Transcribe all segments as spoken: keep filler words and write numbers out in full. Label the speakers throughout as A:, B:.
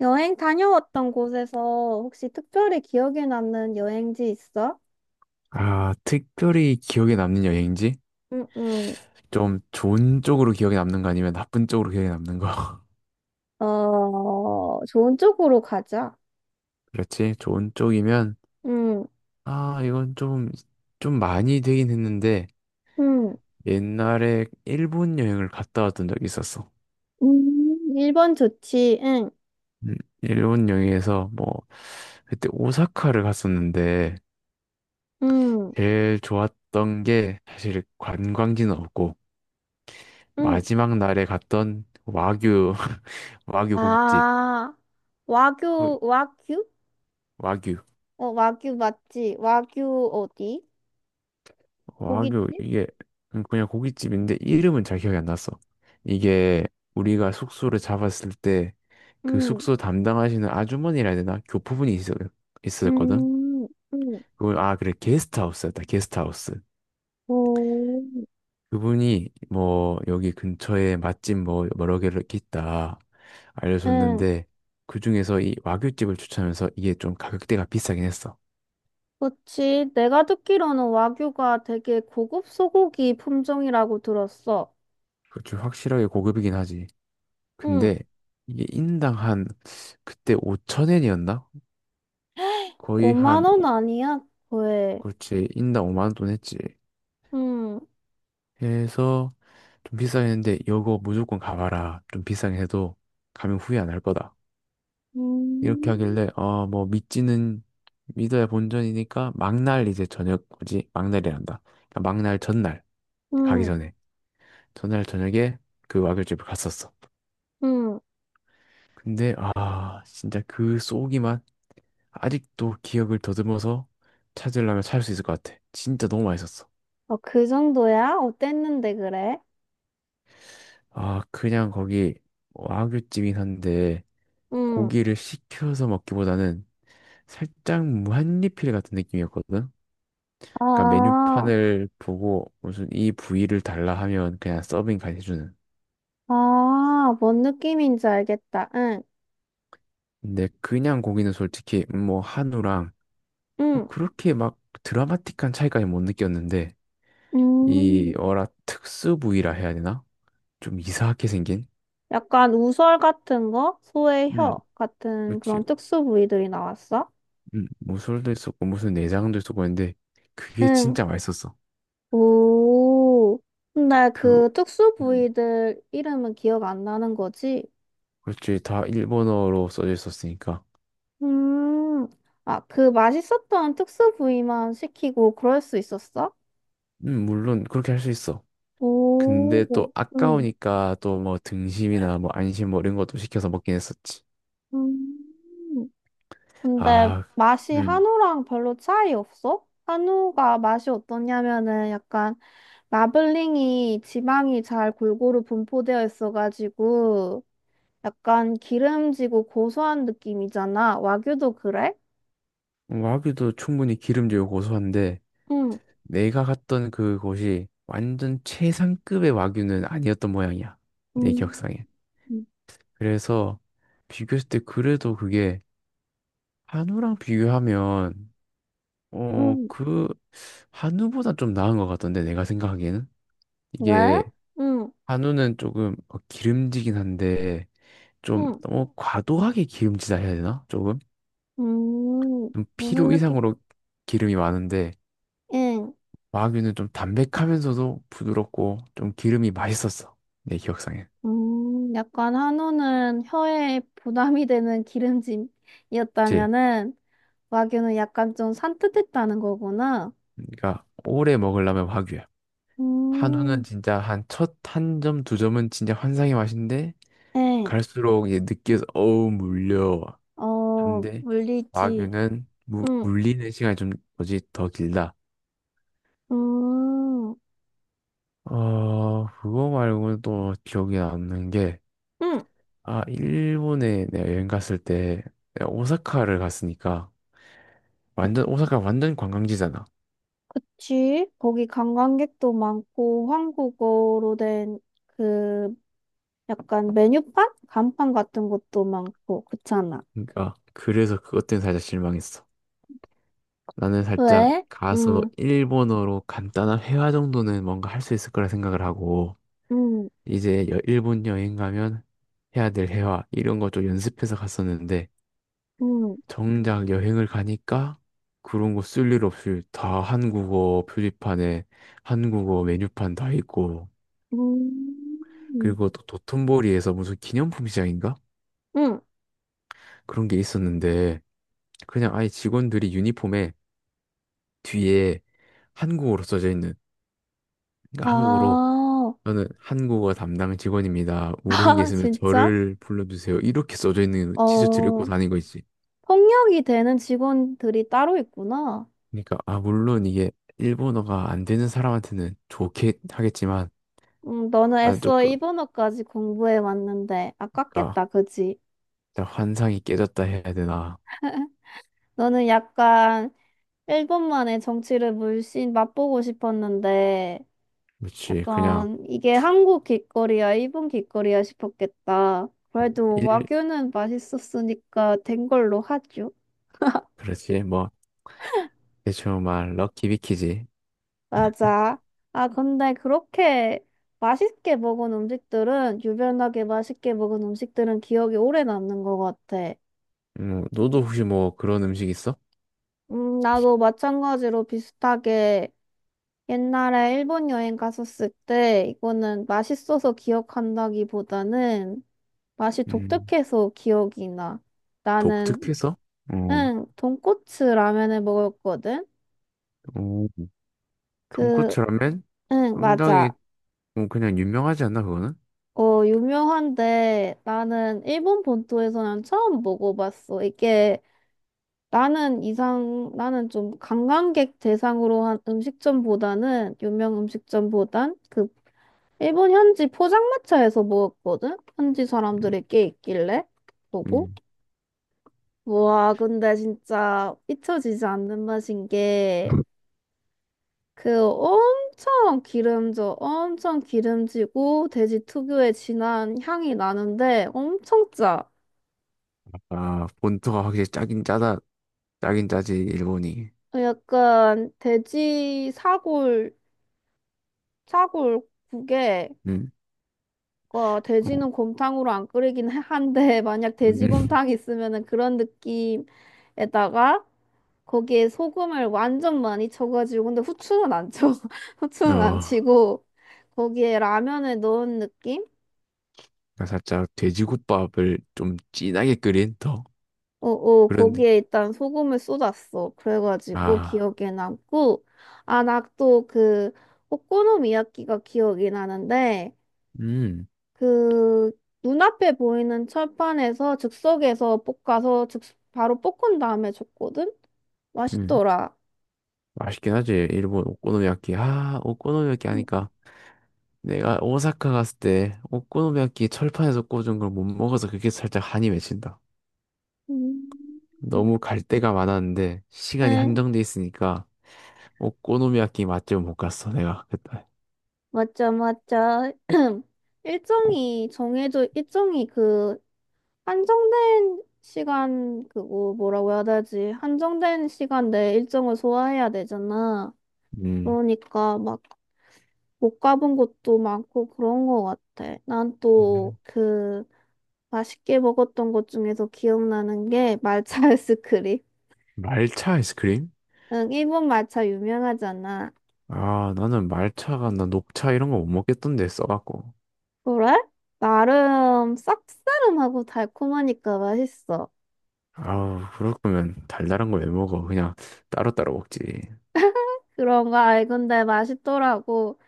A: 여행 다녀왔던 곳에서 혹시 특별히 기억에 남는 여행지 있어?
B: 아, 특별히 기억에 남는 여행지?
A: 응, 응.
B: 좀 좋은 쪽으로 기억에 남는 거 아니면 나쁜 쪽으로 기억에 남는 거?
A: 어, 좋은 쪽으로 가자.
B: 그렇지? 좋은 쪽이면,
A: 응,
B: 아, 이건 좀, 좀 많이 되긴 했는데,
A: 응.
B: 옛날에 일본 여행을 갔다 왔던 적이 있었어.
A: 음, 일본 좋지, 응.
B: 음, 일본 여행에서 뭐, 그때 오사카를 갔었는데,
A: 응,
B: 제일 좋았던 게 사실 관광지는 없고,
A: 응.
B: 마지막 날에 갔던 와규, 와규 고깃집.
A: 아,
B: 거-
A: 와규, 와규?
B: 와규.
A: 어, 와규 맞지? 와규 어디?
B: 와규
A: 고깃집?
B: 이게 음, 그냥 고깃집인데 이름은 잘 기억이 안 났어. 이게 우리가 숙소를 잡았을 때 그
A: 응,
B: 숙소 담당하시는 아주머니라 해야 되나? 교포분이 있었, 있었거든.
A: 응, 응.
B: 그걸 아 그래 게스트하우스였다. 게스트하우스.
A: 오,
B: 그분이 뭐 여기 근처에 맛집 뭐 여러 개를 이렇게 있다
A: 응.
B: 알려줬는데 그 중에서 이 와규집을 추천하면서 이게 좀 가격대가 비싸긴 했어.
A: 그치. 내가 듣기로는 와규가 되게 고급 소고기 품종이라고 들었어.
B: 그좀 확실하게 고급이긴 하지.
A: 응.
B: 근데 이게 인당 한 그때 오천 엔이었나 거의
A: 오만
B: 한,
A: 원
B: 오-
A: 아니야? 왜?
B: 그렇지, 인당 오만 원 돈 했지.
A: 응.
B: 해서 좀 비싸긴 했는데, 이거 무조건 가봐라. 좀 비싸긴 해도 가면 후회 안 할 거다. 이렇게
A: 음.
B: 하길래, 어, 뭐, 믿지는, 믿어야 본전이니까, 막날 이제 저녁, 뭐지? 막날이란다. 그러니까 막날 전날, 가기
A: 응.
B: 전에. 전날 저녁에 그 와글집을 갔었어.
A: 응.
B: 근데, 아, 진짜 그 쏘기만 아직도 기억을 더듬어서 찾으려면 찾을 수 있을 것 같아. 진짜 너무 맛있었어.
A: 어, 그 정도야? 어땠는데 그래?
B: 아, 그냥 거기 와규찜이 한데
A: 응.
B: 고기를 시켜서 먹기보다는 살짝 무한리필 같은 느낌이었거든. 그러니까
A: 아,
B: 메뉴판을 보고 무슨 이 부위를 달라 하면 그냥 서빙까지 해주는.
A: 아, 뭔 느낌인지 알겠다. 응.
B: 근데 그냥 고기는 솔직히 뭐 한우랑 뭐
A: 응.
B: 그렇게 막 드라마틱한 차이까지 못 느꼈는데 이
A: 음.
B: 어라 특수 부위라 해야 되나? 좀 이상하게 생긴?
A: 약간 우설 같은 거? 소의
B: 음,
A: 혀 같은
B: 그렇지.
A: 그런 특수 부위들이 나왔어?
B: 음, 무술도 있었고 무슨 내장도 있었고 했는데 그게
A: 응.
B: 진짜 맛있었어.
A: 오, 근데
B: 그
A: 그 특수
B: 음.
A: 부위들 이름은 기억 안 나는 거지?
B: 그렇지. 다 일본어로 써져 있었으니까.
A: 음. 아, 그 맛있었던 특수 부위만 시키고 그럴 수 있었어?
B: 음, 물론 그렇게 할 수 있어.
A: 오,
B: 근데 또
A: 응,
B: 아까우니까 또 뭐 등심이나 뭐 안심 뭐 이런 것도 시켜서 먹긴 했었지.
A: 음. 근데
B: 아,
A: 맛이
B: 음.
A: 한우랑 별로 차이 없어? 한우가 맛이 어떠냐면은 약간 마블링이 지방이 잘 골고루 분포되어 있어가지고 약간 기름지고 고소한 느낌이잖아. 와규도 그래?
B: 와규도 충분히 기름지고 고소한데
A: 응,
B: 내가 갔던 그곳이 완전 최상급의 와규는 아니었던 모양이야. 내
A: 응,
B: 기억상에.
A: 응,
B: 그래서 비교했을 때 그래도 그게 한우랑 비교하면 어,
A: 응.
B: 그 한우보다 좀 나은 것 같던데 내가 생각하기에는.
A: 왜?
B: 이게
A: 응,
B: 한우는 조금 어, 기름지긴 한데 좀
A: 응,
B: 너무 과도하게 기름지다 해야 되나? 조금
A: 음,
B: 좀
A: 무슨
B: 필요
A: 느낌?
B: 이상으로 기름이 많은데
A: 응,
B: 와규는 좀 담백하면서도 부드럽고 좀 기름이 맛있었어 내 기억상엔.
A: 음, 약간 한우는 혀에 부담이 되는
B: 그치?
A: 기름짐이었다면은, 와규는 약간 좀 산뜻했다는 거구나.
B: 그러니까 오래 먹으려면 와규야. 한우는
A: 음,
B: 진짜 한 첫 한 점 두 점은 진짜 환상의 맛인데
A: 응,
B: 갈수록 이제 느끼해서 어우 물려
A: 어,
B: 한데
A: 물리지.
B: 와규는 무,
A: 응,
B: 물리는 시간이 좀 뭐지 더 길다.
A: 음,
B: 어, 그거 말고는 또 기억이 남는 게,
A: 응,
B: 아, 일본에 내가 여행 갔을 때, 내가 오사카를 갔으니까, 완전, 오사카 완전 관광지잖아.
A: 그치. 거기 관광객도 많고, 한국어로 된 그, 약간 메뉴판? 간판 같은 것도 많고, 그렇잖아.
B: 그러니까, 그래서 그것 때문에 살짝 실망했어. 나는 살짝
A: 왜?
B: 가서
A: 응.
B: 일본어로 간단한 회화 정도는 뭔가 할 수 있을 거라 생각을 하고,
A: 응.
B: 이제 여- 일본 여행 가면 해야 될 회화, 이런 거 좀 연습해서 갔었는데,
A: 응.
B: 정작 여행을 가니까 그런 거 쓸 일 없이 다 한국어 표지판에 한국어 메뉴판 다 있고
A: 응.
B: 그리고 또 도톤보리에서 무슨 기념품 시장인가?
A: 응.
B: 그런 게 있었는데 그냥 아예 직원들이 유니폼에 뒤에 한국어로 써져 있는 그러니까 한국어로
A: 아,
B: 저는 한국어 담당 직원입니다. 모르신 게
A: 아,
B: 있으면
A: 진짜?
B: 저를 불러주세요. 이렇게 써져 있는 티셔츠를 입고
A: 어,
B: 다니거 있지.
A: 폭력이 되는 직원들이 따로 있구나.
B: 그러니까 아 물론 이게 일본어가 안 되는 사람한테는 좋게 하겠지만
A: 음, 너는
B: 아,
A: 애써
B: 조금
A: 일본어까지 공부해 왔는데
B: 그러니까
A: 아깝겠다, 그지?
B: 일단 환상이 깨졌다 해야 되나?
A: 너는 약간 일본만의 정치를 물씬 맛보고 싶었는데
B: 그렇지. 그냥
A: 약간 이게 한국 길거리야, 일본 길거리야 싶었겠다. 그래도
B: 일
A: 와규는 맛있었으니까 된 걸로 하죠.
B: 그렇지. 뭐 대충 말 럭키비키지.
A: 맞아. 아, 근데 그렇게 맛있게 먹은 음식들은, 유별나게 맛있게 먹은 음식들은 기억이 오래 남는 것 같아.
B: 음, 너도 혹시 뭐 그런 음식 있어?
A: 음, 나도 마찬가지로 비슷하게 옛날에 일본 여행 갔었을 때 이거는 맛있어서 기억한다기보다는 맛이
B: 음,
A: 독특해서 기억이 나. 나는
B: 독특해서? 어,
A: 응, 돈코츠 라면을 먹었거든?
B: 어,
A: 그,
B: 돈코츠 라면?
A: 응,
B: 상당히
A: 맞아.
B: 뭐 그냥 유명하지 않나 그거는?
A: 어, 유명한데 나는 일본 본토에서는 처음 먹어봤어. 이게 나는 이상, 나는 좀 관광객 대상으로 한 음식점보다는, 유명 음식점보단 그 일본 현지 포장마차에서 먹었거든? 현지 사람들이 꽤 있길래 보고.
B: 음.
A: 와, 근데 진짜 잊혀지지 않는 맛인 게 그 엄청 기름져, 엄청 기름지고 돼지 특유의 진한 향이 나는데 엄청 짜.
B: 아, 본토가 확실히 짜긴 짜다. 짜긴 짜지 일본이.
A: 약간 돼지 사골, 사골국에
B: 음.
A: 어,
B: 어,
A: 돼지는 곰탕으로 안 끓이긴 해- 한데 만약
B: 음.
A: 돼지곰탕이 있으면은 그런 느낌에다가 거기에 소금을 완전 많이 쳐가지고 근데 후추는 안 쳐.
B: 어,
A: 후추는 안
B: 그러니까
A: 치고 거기에 라면을 넣은 느낌?
B: 살짝 돼지국밥을 좀 진하게 끓인 더
A: 어, 어,
B: 그런 느-
A: 거기에 일단 소금을 쏟았어. 그래가지고
B: 아.
A: 기억에 남고, 아, 나 또 그 오코노미야키가 기억이 나는데,
B: 음.
A: 그 눈앞에 보이는 철판에서 즉석에서 볶아서 즉 바로 볶은 다음에 줬거든?
B: 음,
A: 맛있더라.
B: 맛있긴 하지. 일본 오코노미야키. 아, 오코노미야키
A: 음,
B: 하니까 내가 오사카 갔을 때 오코노미야키 철판에서 꽂은 걸 못 먹어서 그게 살짝 한이 맺힌다.
A: 음.
B: 너무 갈 데가 많았는데 시간이
A: 응,
B: 한정돼 있으니까 오코노미야키 맛집은 못 갔어, 내가 그때.
A: 맞죠, 맞죠.
B: 어,
A: 일정이 정해져, 일정이 그 한정된 시간 그거 뭐라고 해야 되지? 한정된 시간 내 일정을 소화해야 되잖아.
B: 음.
A: 그러니까 막 못 가본 곳도 많고 그런 거 같아. 난 또
B: 네.
A: 그 맛있게 먹었던 것 중에서 기억나는 게 말차 아이스크림.
B: 말차 아이스크림?
A: 응, 일본 말차 유명하잖아.
B: 아, 나는 말차가 나 녹차 이런 거 못 먹겠던데 써갖고.
A: 그래? 나름 쌉싸름하고 달콤하니까 맛있어.
B: 아, 그럴 거면 달달한 거 왜 먹어? 그냥 따로따로 먹지.
A: 그런 거 알건데 맛있더라고.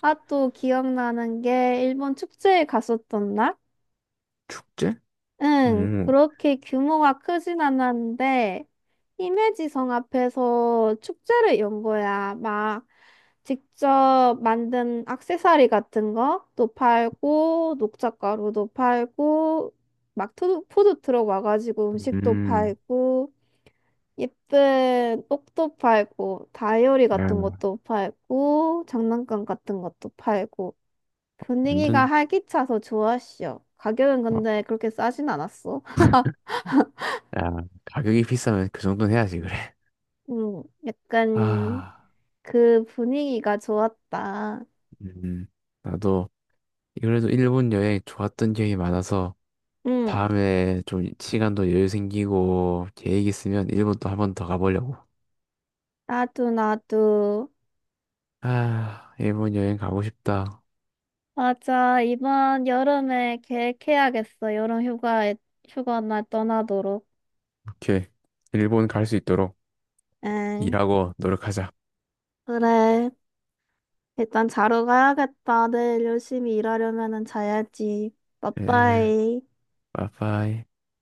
A: 아, 또 기억나는 게 일본 축제에 갔었던 날?
B: 축제?
A: 응,
B: 음.
A: 그렇게 규모가 크진 않았는데 히메지성 앞에서 축제를 연 거야. 막 직접 만든 액세서리 같은 것도 팔고 녹차가루도 팔고 막 푸드, 푸드 트럭 와가지고 음식도
B: 음.
A: 팔고 예쁜 옷도 팔고, 다이어리 같은 것도 팔고, 장난감 같은 것도 팔고. 분위기가
B: 완전
A: 활기차서 좋았어. 가격은
B: 어,
A: 근데 그렇게 싸진 않았어.
B: 야 가격이 비싸면 그 정도는 해야지 그래.
A: 음, 약간
B: 아,
A: 그 분위기가 좋았다.
B: 음, 나도 그래도 일본 여행 좋았던 기억이 많아서
A: 응,
B: 다음에 좀 시간도 여유 생기고 계획 있으면 일본도 한 번 더 가보려고.
A: 나도, 나도.
B: 아, 일본 여행 가고 싶다.
A: 맞아, 이번 여름에 계획해야겠어. 여름 휴가에, 휴가 날 떠나도록.
B: 오케이, 일본 갈 수 있도록
A: 응,
B: 일하고 노력하자.
A: 그래. 일단 자러 가야겠다. 내일 열심히 일하려면은 자야지.
B: 에,
A: 빠빠이.
B: 빠빠이.